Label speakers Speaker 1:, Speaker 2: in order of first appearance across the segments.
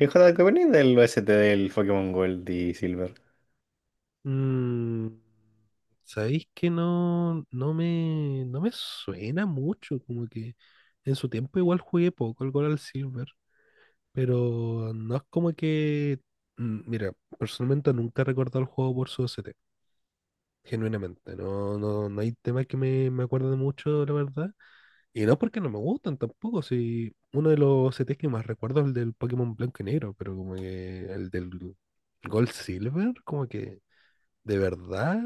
Speaker 1: ¿Hijo de opináis del OST del Pokémon Gold y Silver?
Speaker 2: Mm, Sabéis que no, no me suena mucho, como que en su tiempo igual jugué poco al Gold al Silver, pero no es como que, mira, personalmente nunca he recordado el juego por su OST. Genuinamente, no, no, no hay temas que me acuerden mucho, la verdad, y no porque no me gustan tampoco, si uno de los OSTs que más recuerdo es el del Pokémon Blanco y Negro, pero como que el del Gold Silver, como que... De verdad,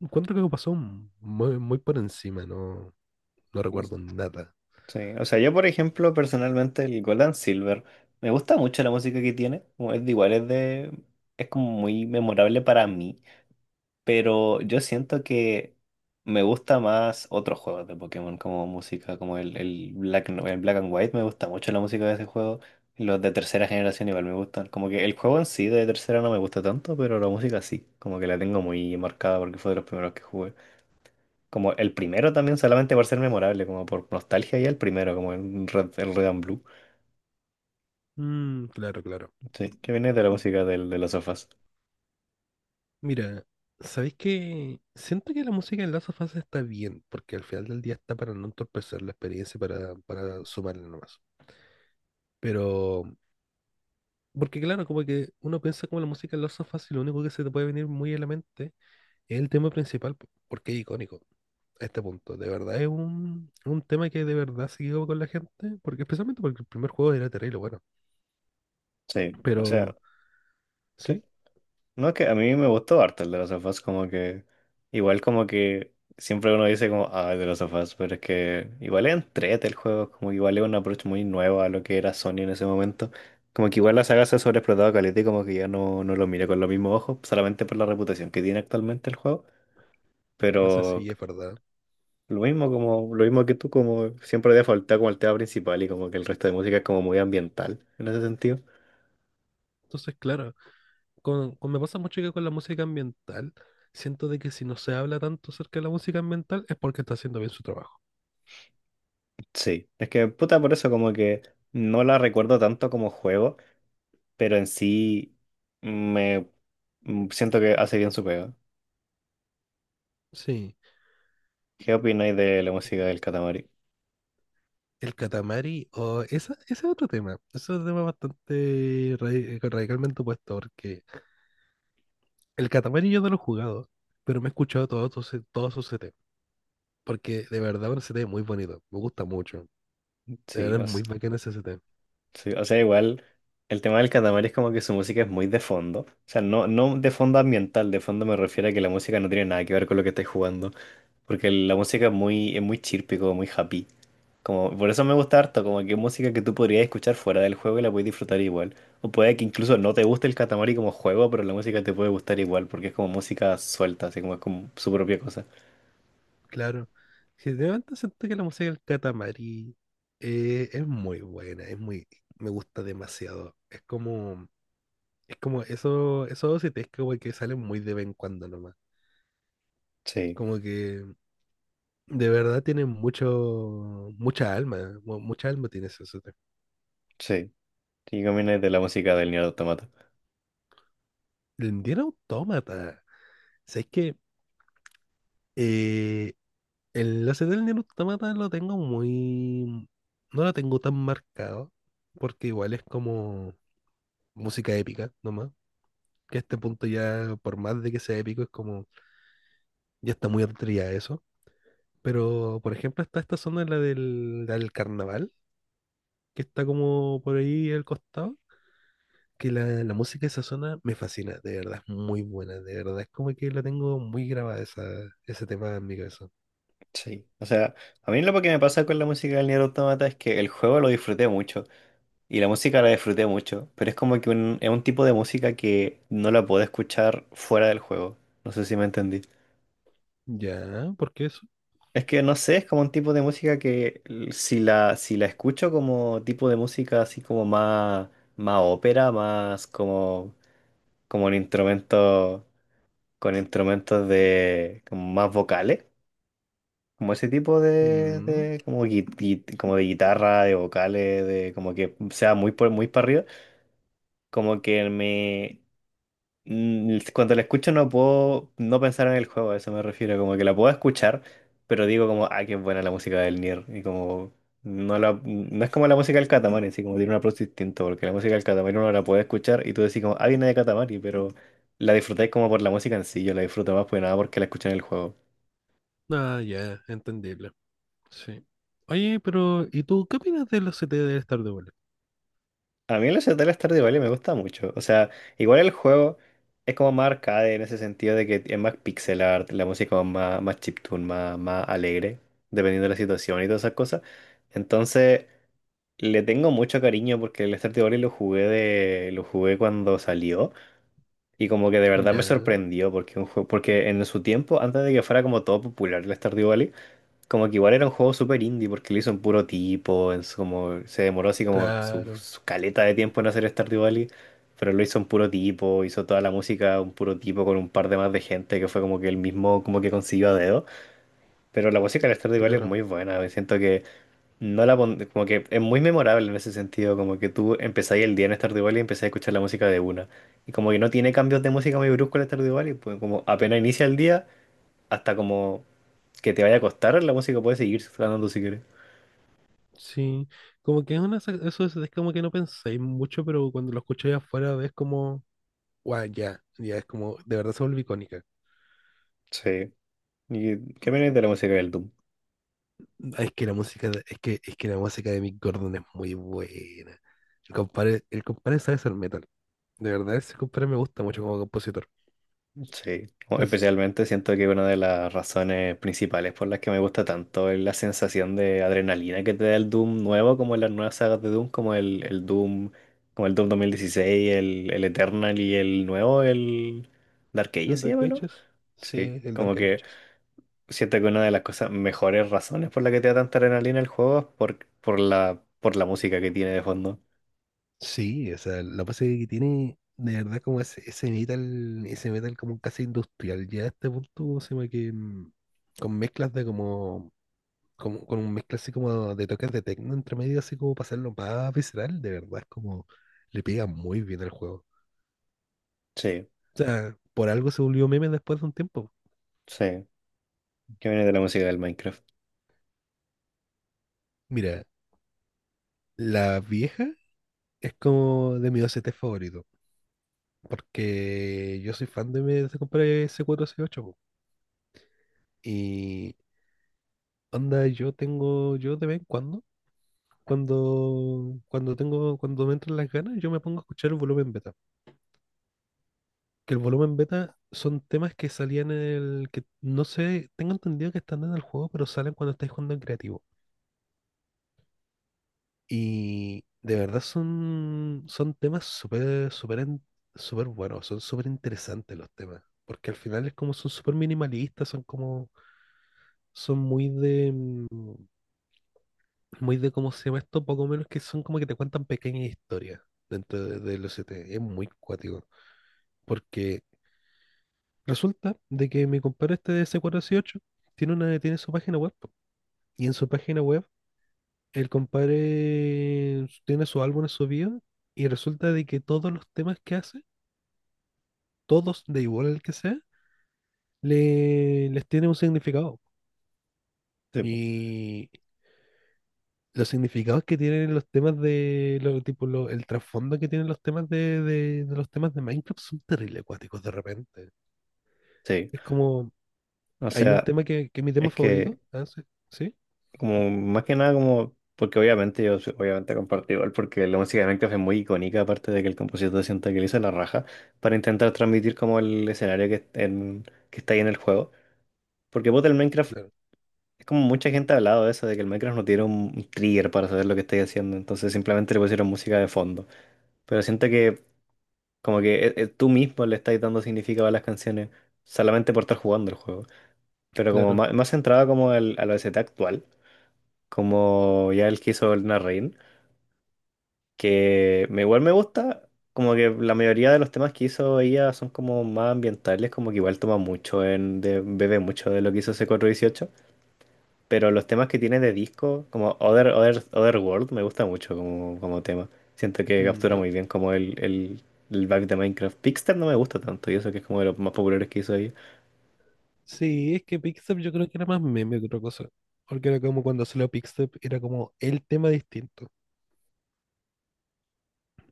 Speaker 2: encuentro que pasó muy, muy por encima. No, no
Speaker 1: No sé.
Speaker 2: recuerdo nada.
Speaker 1: Sí, o sea, yo por ejemplo, personalmente el Gold and Silver, me gusta mucho la música que tiene, como es de igual, es de, es como muy memorable para mí, pero yo siento que me gusta más otros juegos de Pokémon como música, como el Black, el Black and White, me gusta mucho la música de ese juego, los de tercera generación igual me gustan, como que el juego en sí de tercera no me gusta tanto, pero la música sí, como que la tengo muy marcada porque fue de los primeros que jugué. Como el primero también solamente por ser memorable, como por nostalgia ya el primero, como el Red and Blue.
Speaker 2: Mm, claro, claro.
Speaker 1: Sí, que viene de la música del, de los sofás.
Speaker 2: Mira, ¿sabéis que siento que la música en Last of Us está bien, porque al final del día está para no entorpecer la experiencia, para sumarle nomás? Pero, porque claro, como que uno piensa como la música en Last of Us y lo único que se te puede venir muy a la mente es el tema principal, porque es icónico a este punto. De verdad es un tema que de verdad se quedó con la gente, porque especialmente porque el primer juego era terrible, bueno.
Speaker 1: Sí, o sea,
Speaker 2: Pero
Speaker 1: sí.
Speaker 2: sí,
Speaker 1: No es que a mí me gustó harto el de los sofás, como que igual como que siempre uno dice como, ah, el de los sofás, pero es que igual es entrete el juego, como que igual es un approach muy nuevo a lo que era Sony en ese momento. Como que igual la saga se ha sobreexplotado caleta y como que ya no lo mira con los mismos ojos, solamente por la reputación que tiene actualmente el juego.
Speaker 2: no sé
Speaker 1: Pero
Speaker 2: si es verdad.
Speaker 1: lo mismo, como, lo mismo que tú, como siempre había faltado como el tema principal y como que el resto de música es como muy ambiental en ese sentido.
Speaker 2: Entonces, claro, me pasa mucho que con la música ambiental, siento de que si no se habla tanto acerca de la música ambiental es porque está haciendo bien su trabajo.
Speaker 1: Sí, es que puta por eso como que no la recuerdo tanto como juego, pero en sí me siento que hace bien su pega.
Speaker 2: Sí,
Speaker 1: ¿Qué opináis de la música del Katamari?
Speaker 2: el Katamari, o esa, ese es otro tema bastante radicalmente opuesto, porque el Katamari yo no lo he jugado, pero me he escuchado todos sus CT, porque de verdad es un CT muy bonito, me gusta mucho, de
Speaker 1: Sí,
Speaker 2: verdad es muy bacán ese CT.
Speaker 1: sí, o sea, igual el tema del Catamar es como que su música es muy de fondo. O sea, no, no de fondo ambiental, de fondo me refiero a que la música no tiene nada que ver con lo que estáis jugando. Porque la música es muy chirpy, como muy happy. Como, por eso me gusta harto, como que es música que tú podrías escuchar fuera del juego y la puedes disfrutar igual. O puede que incluso no te guste el Katamari como juego, pero la música te puede gustar igual, porque es como música suelta, así como es como su propia cosa.
Speaker 2: Claro. Si de momento siento que la música del Katamari es muy buena, me gusta demasiado. Es como eso, esos OSTs que, güey, que salen muy de vez en cuando nomás.
Speaker 1: Sí,
Speaker 2: Como que de verdad tienen mucho, mucha alma, mucha alma tiene ese OST.
Speaker 1: sí. ¿Y qué opinas de la música del Nier Automata?
Speaker 2: El Nier Automata. ¿Sabes que el OST del Nier Automata no lo tengo tan marcado, porque igual es como música épica nomás que a este punto ya, por más de que sea épico, es como, ya está muy atrevida eso? Pero, por ejemplo, está esta zona, la del carnaval, que está como por ahí al costado, que la música de esa zona me fascina, de verdad, es muy buena, de verdad, es como que la tengo muy grabada esa, ese tema en mi cabeza.
Speaker 1: Sí, o sea, a mí lo que me pasa con la música del Nier Automata es que el juego lo disfruté mucho y la música la disfruté mucho, pero es como que es un tipo de música que no la puedo escuchar fuera del juego. No sé si me entendí.
Speaker 2: Ya, ¿por qué eso?
Speaker 1: Es que no sé, es como un tipo de música que si la, si la escucho como tipo de música así como más, ópera, más como, como un instrumento con instrumentos de como más vocales. Como ese tipo de,
Speaker 2: Mm,
Speaker 1: de como, como de guitarra, de vocales, de como que sea muy por muy para arriba, como que me cuando la escucho no puedo no pensar en el juego, a eso me refiero, como que la puedo escuchar, pero digo como, ah, qué buena la música del Nier, y como no la no es como la música del Katamari, sí, como tiene un approach distinto, porque la música del Katamari uno la puede escuchar y tú decís como, ah, viene de Katamari, pero la disfrutáis como por la música en sí, yo la disfruto más pues nada porque la escuché en el juego.
Speaker 2: ah, ya, entendible, sí. Oye, pero, ¿y tú qué opinas de los C T de Stardew Valley?
Speaker 1: A mí la ciudad del Stardew Valley me gusta mucho. O sea, igual el juego es como más arcade en ese sentido de que es más pixel art, la música es más chiptune, más alegre, dependiendo de la situación y todas esas cosas. Entonces, le tengo mucho cariño porque el Stardew Valley lo jugué cuando salió y como que de verdad me
Speaker 2: Ya,
Speaker 1: sorprendió porque un juego, porque en su tiempo, antes de que fuera como todo popular el Stardew Valley, como que igual era un juego súper indie porque lo hizo un puro tipo, como, se demoró así como su,
Speaker 2: claro,
Speaker 1: su caleta de tiempo en hacer Stardew Valley, pero lo hizo un puro tipo, hizo toda la música un puro tipo con un par de más de gente que fue como que el mismo como que consiguió a dedo. Pero la música de Stardew Valley es
Speaker 2: claro.
Speaker 1: muy buena, me siento que no la como que es muy memorable en ese sentido, como que tú empezáis el día en Stardew Valley y empezás a escuchar la música de una. Y como que no tiene cambios de música muy bruscos en Stardew Valley, pues como apenas inicia el día hasta como que te vaya a costar, la música puede seguir sonando si quieres.
Speaker 2: Sí, como que es una, eso es como que no pensáis mucho, pero cuando lo escucháis afuera ves como, wow, ya, ya es como, de verdad se vuelve icónica.
Speaker 1: Sí. ¿Y qué opinas de la música del Doom?
Speaker 2: Ah, es que la música, es que la música de Mick Gordon es muy buena. El compadre sabe hacer metal. De verdad, ese compadre me gusta mucho como compositor.
Speaker 1: Sí.
Speaker 2: Entonces,
Speaker 1: Especialmente siento que una de las razones principales por las que me gusta tanto es la sensación de adrenalina que te da el Doom nuevo, como en las nuevas sagas de Doom, como el Doom, como el Doom 2016 el Eternal y el nuevo, el Dark Age
Speaker 2: ¿el
Speaker 1: se
Speaker 2: Dark
Speaker 1: llama, ¿no?
Speaker 2: Ages? Sí,
Speaker 1: Sí.
Speaker 2: el
Speaker 1: Como
Speaker 2: Dark
Speaker 1: que
Speaker 2: Ages.
Speaker 1: siento que una de las cosas mejores razones por la que te da tanta adrenalina el juego es por la música que tiene de fondo.
Speaker 2: Sí, o sea, la base que tiene, de verdad, como ese metal como casi industrial, ya a este punto, se llama que con mezclas de con un mezcla así como de toques de techno entre medio, así como para hacerlo más visceral, de verdad, es como le pega muy bien al juego.
Speaker 1: Sí,
Speaker 2: O sea, por algo se volvió meme después de un tiempo.
Speaker 1: sí. ¿Qué viene de la música del Minecraft?
Speaker 2: Mira, la vieja es como de mi OCT favorito, porque yo soy fan de me desde compré ese cuatro s ocho po. Y onda, yo de vez en cuando, cuando me entran las ganas, yo me pongo a escuchar el volumen beta, que el volumen beta son temas que salían en el que no sé, tengo entendido que están en el juego, pero salen cuando estáis jugando en creativo. Y de verdad son temas súper, súper, súper buenos, son súper interesantes los temas, porque al final es como son súper minimalistas, son como, son muy de cómo se llama esto, poco menos que son como que te cuentan pequeñas historias dentro del OCT, es muy cuático, porque resulta de que mi compadre este de C418 tiene su página web, po. Y en su página web, el compadre tiene sus álbumes subidos. Y resulta de que todos los temas que hace, todos, de igual el que sea, le, les tiene un significado.
Speaker 1: Sí, po.
Speaker 2: Y los significados que tienen los temas de, lo, tipo, lo- el trasfondo que tienen los temas de los temas de Minecraft son terrible acuáticos de repente.
Speaker 1: Sí.
Speaker 2: Es como,
Speaker 1: O
Speaker 2: hay un
Speaker 1: sea,
Speaker 2: tema que es mi tema
Speaker 1: es
Speaker 2: favorito.
Speaker 1: que
Speaker 2: Ah, sí, sí,
Speaker 1: como más que nada como porque obviamente obviamente comparto igual porque la música de Minecraft es muy icónica aparte de que el compositor sienta que le hizo la raja para intentar transmitir como el escenario que, que está ahí en el juego. Porque puta, el Minecraft
Speaker 2: claro.
Speaker 1: es como mucha gente ha hablado de eso de que el Minecraft no tiene un trigger para saber lo que estáis haciendo, entonces simplemente le pusieron música de fondo. Pero siento que como que tú mismo le estás dando significado a las canciones solamente por estar jugando el juego. Pero como
Speaker 2: Claro.
Speaker 1: más, más centrado como al, a la OST actual, como ya el que hizo el Rain, que me, igual me gusta, como que la mayoría de los temas que hizo ella son como más ambientales, como que igual toma mucho en, de, bebe mucho de lo que hizo C418, pero los temas que tiene de disco, como Other World, me gusta mucho como, como tema. Siento que captura
Speaker 2: Mm,
Speaker 1: muy bien como el back de Minecraft. Pixter no me gusta tanto, y eso que es como de los más populares que hizo ella.
Speaker 2: Sí, es que Quickstep yo creo que era más meme que otra cosa. Porque era como cuando salió Quickstep, era como el tema distinto.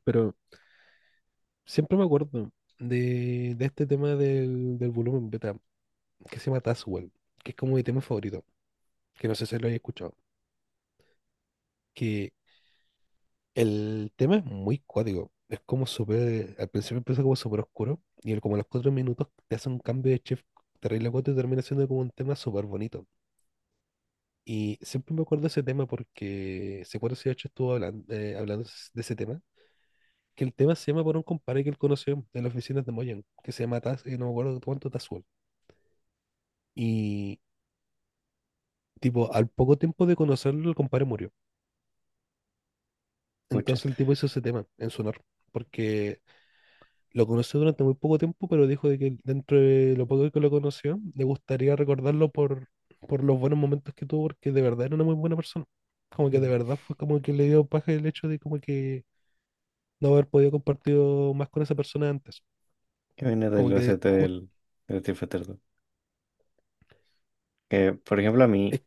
Speaker 2: Pero siempre me acuerdo de este tema del volumen beta, que se llama Tazwell, que es como mi tema favorito, que no sé si lo hayas escuchado. Que el tema es muy cuático. Es como súper, al principio empieza como súper oscuro, y como a los 4 minutos te hace un cambio de chef terrible cuático y termina siendo como un tema súper bonito. Y siempre me acuerdo de ese tema porque C418 estuvo hablando, hablando de ese tema. Que el tema se llama por un compadre que él conoció en las oficinas de Moyan, que se llama Taz, no me acuerdo cuánto Tazuel. Y tipo, al poco tiempo de conocerlo, el compadre murió.
Speaker 1: Mucha.
Speaker 2: Entonces el tipo hizo ese tema en su honor, porque lo conoció durante muy poco tiempo, pero dijo de que dentro de lo poco que lo conoció, le gustaría recordarlo por los buenos momentos que tuvo, porque de verdad era una muy buena persona. Como que de
Speaker 1: Mm.
Speaker 2: verdad fue como que le dio paja el hecho de como que no haber podido compartir más con esa persona antes.
Speaker 1: ¿Qué viene del
Speaker 2: Como que
Speaker 1: OST
Speaker 2: justo
Speaker 1: del Street Fighter 2? Que, por ejemplo, a mí.
Speaker 2: es,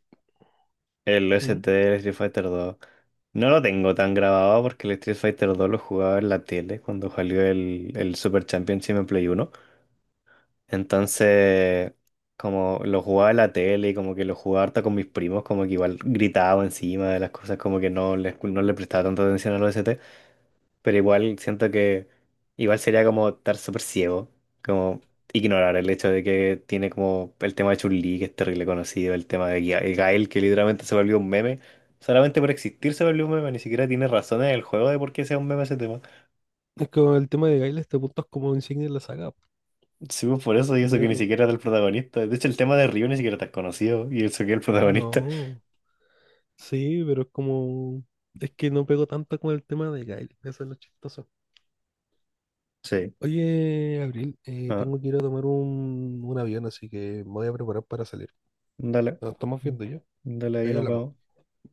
Speaker 1: El
Speaker 2: ¿mm?
Speaker 1: OST del Street Fighter 2. No lo tengo tan grabado porque el Street Fighter 2 lo jugaba en la tele cuando salió el Super Championship en Play uno. Entonces, como lo jugaba en la tele y como que lo jugaba harta con mis primos, como que igual gritaba encima de las cosas, como que no le prestaba tanta atención al OST. Pero igual siento que igual sería como estar súper ciego, como ignorar el hecho de que tiene como el tema de Chun-Li, que es terrible conocido, el tema de Gael, que literalmente se volvió un meme. Solamente por existir se volvió un meme, ni siquiera tiene razones en el juego de por qué sea un meme ese tema.
Speaker 2: Es como el tema de Gail, este punto es como insignia de la saga.
Speaker 1: Sí, pues, por eso, y eso
Speaker 2: De
Speaker 1: que ni
Speaker 2: verdad.
Speaker 1: siquiera es el protagonista. De hecho, el tema de Ryu ni siquiera está conocido, y eso que es el protagonista.
Speaker 2: No, sí, pero es como, es que no pego tanto con el tema de Gail, eso es lo chistoso.
Speaker 1: Sí.
Speaker 2: Oye, Abril,
Speaker 1: Ah,
Speaker 2: tengo que ir a tomar un avión, así que me voy a preparar para salir.
Speaker 1: dale.
Speaker 2: Nos estamos viendo ya.
Speaker 1: Dale, ahí
Speaker 2: Ahí
Speaker 1: nos
Speaker 2: hablamos.
Speaker 1: vemos.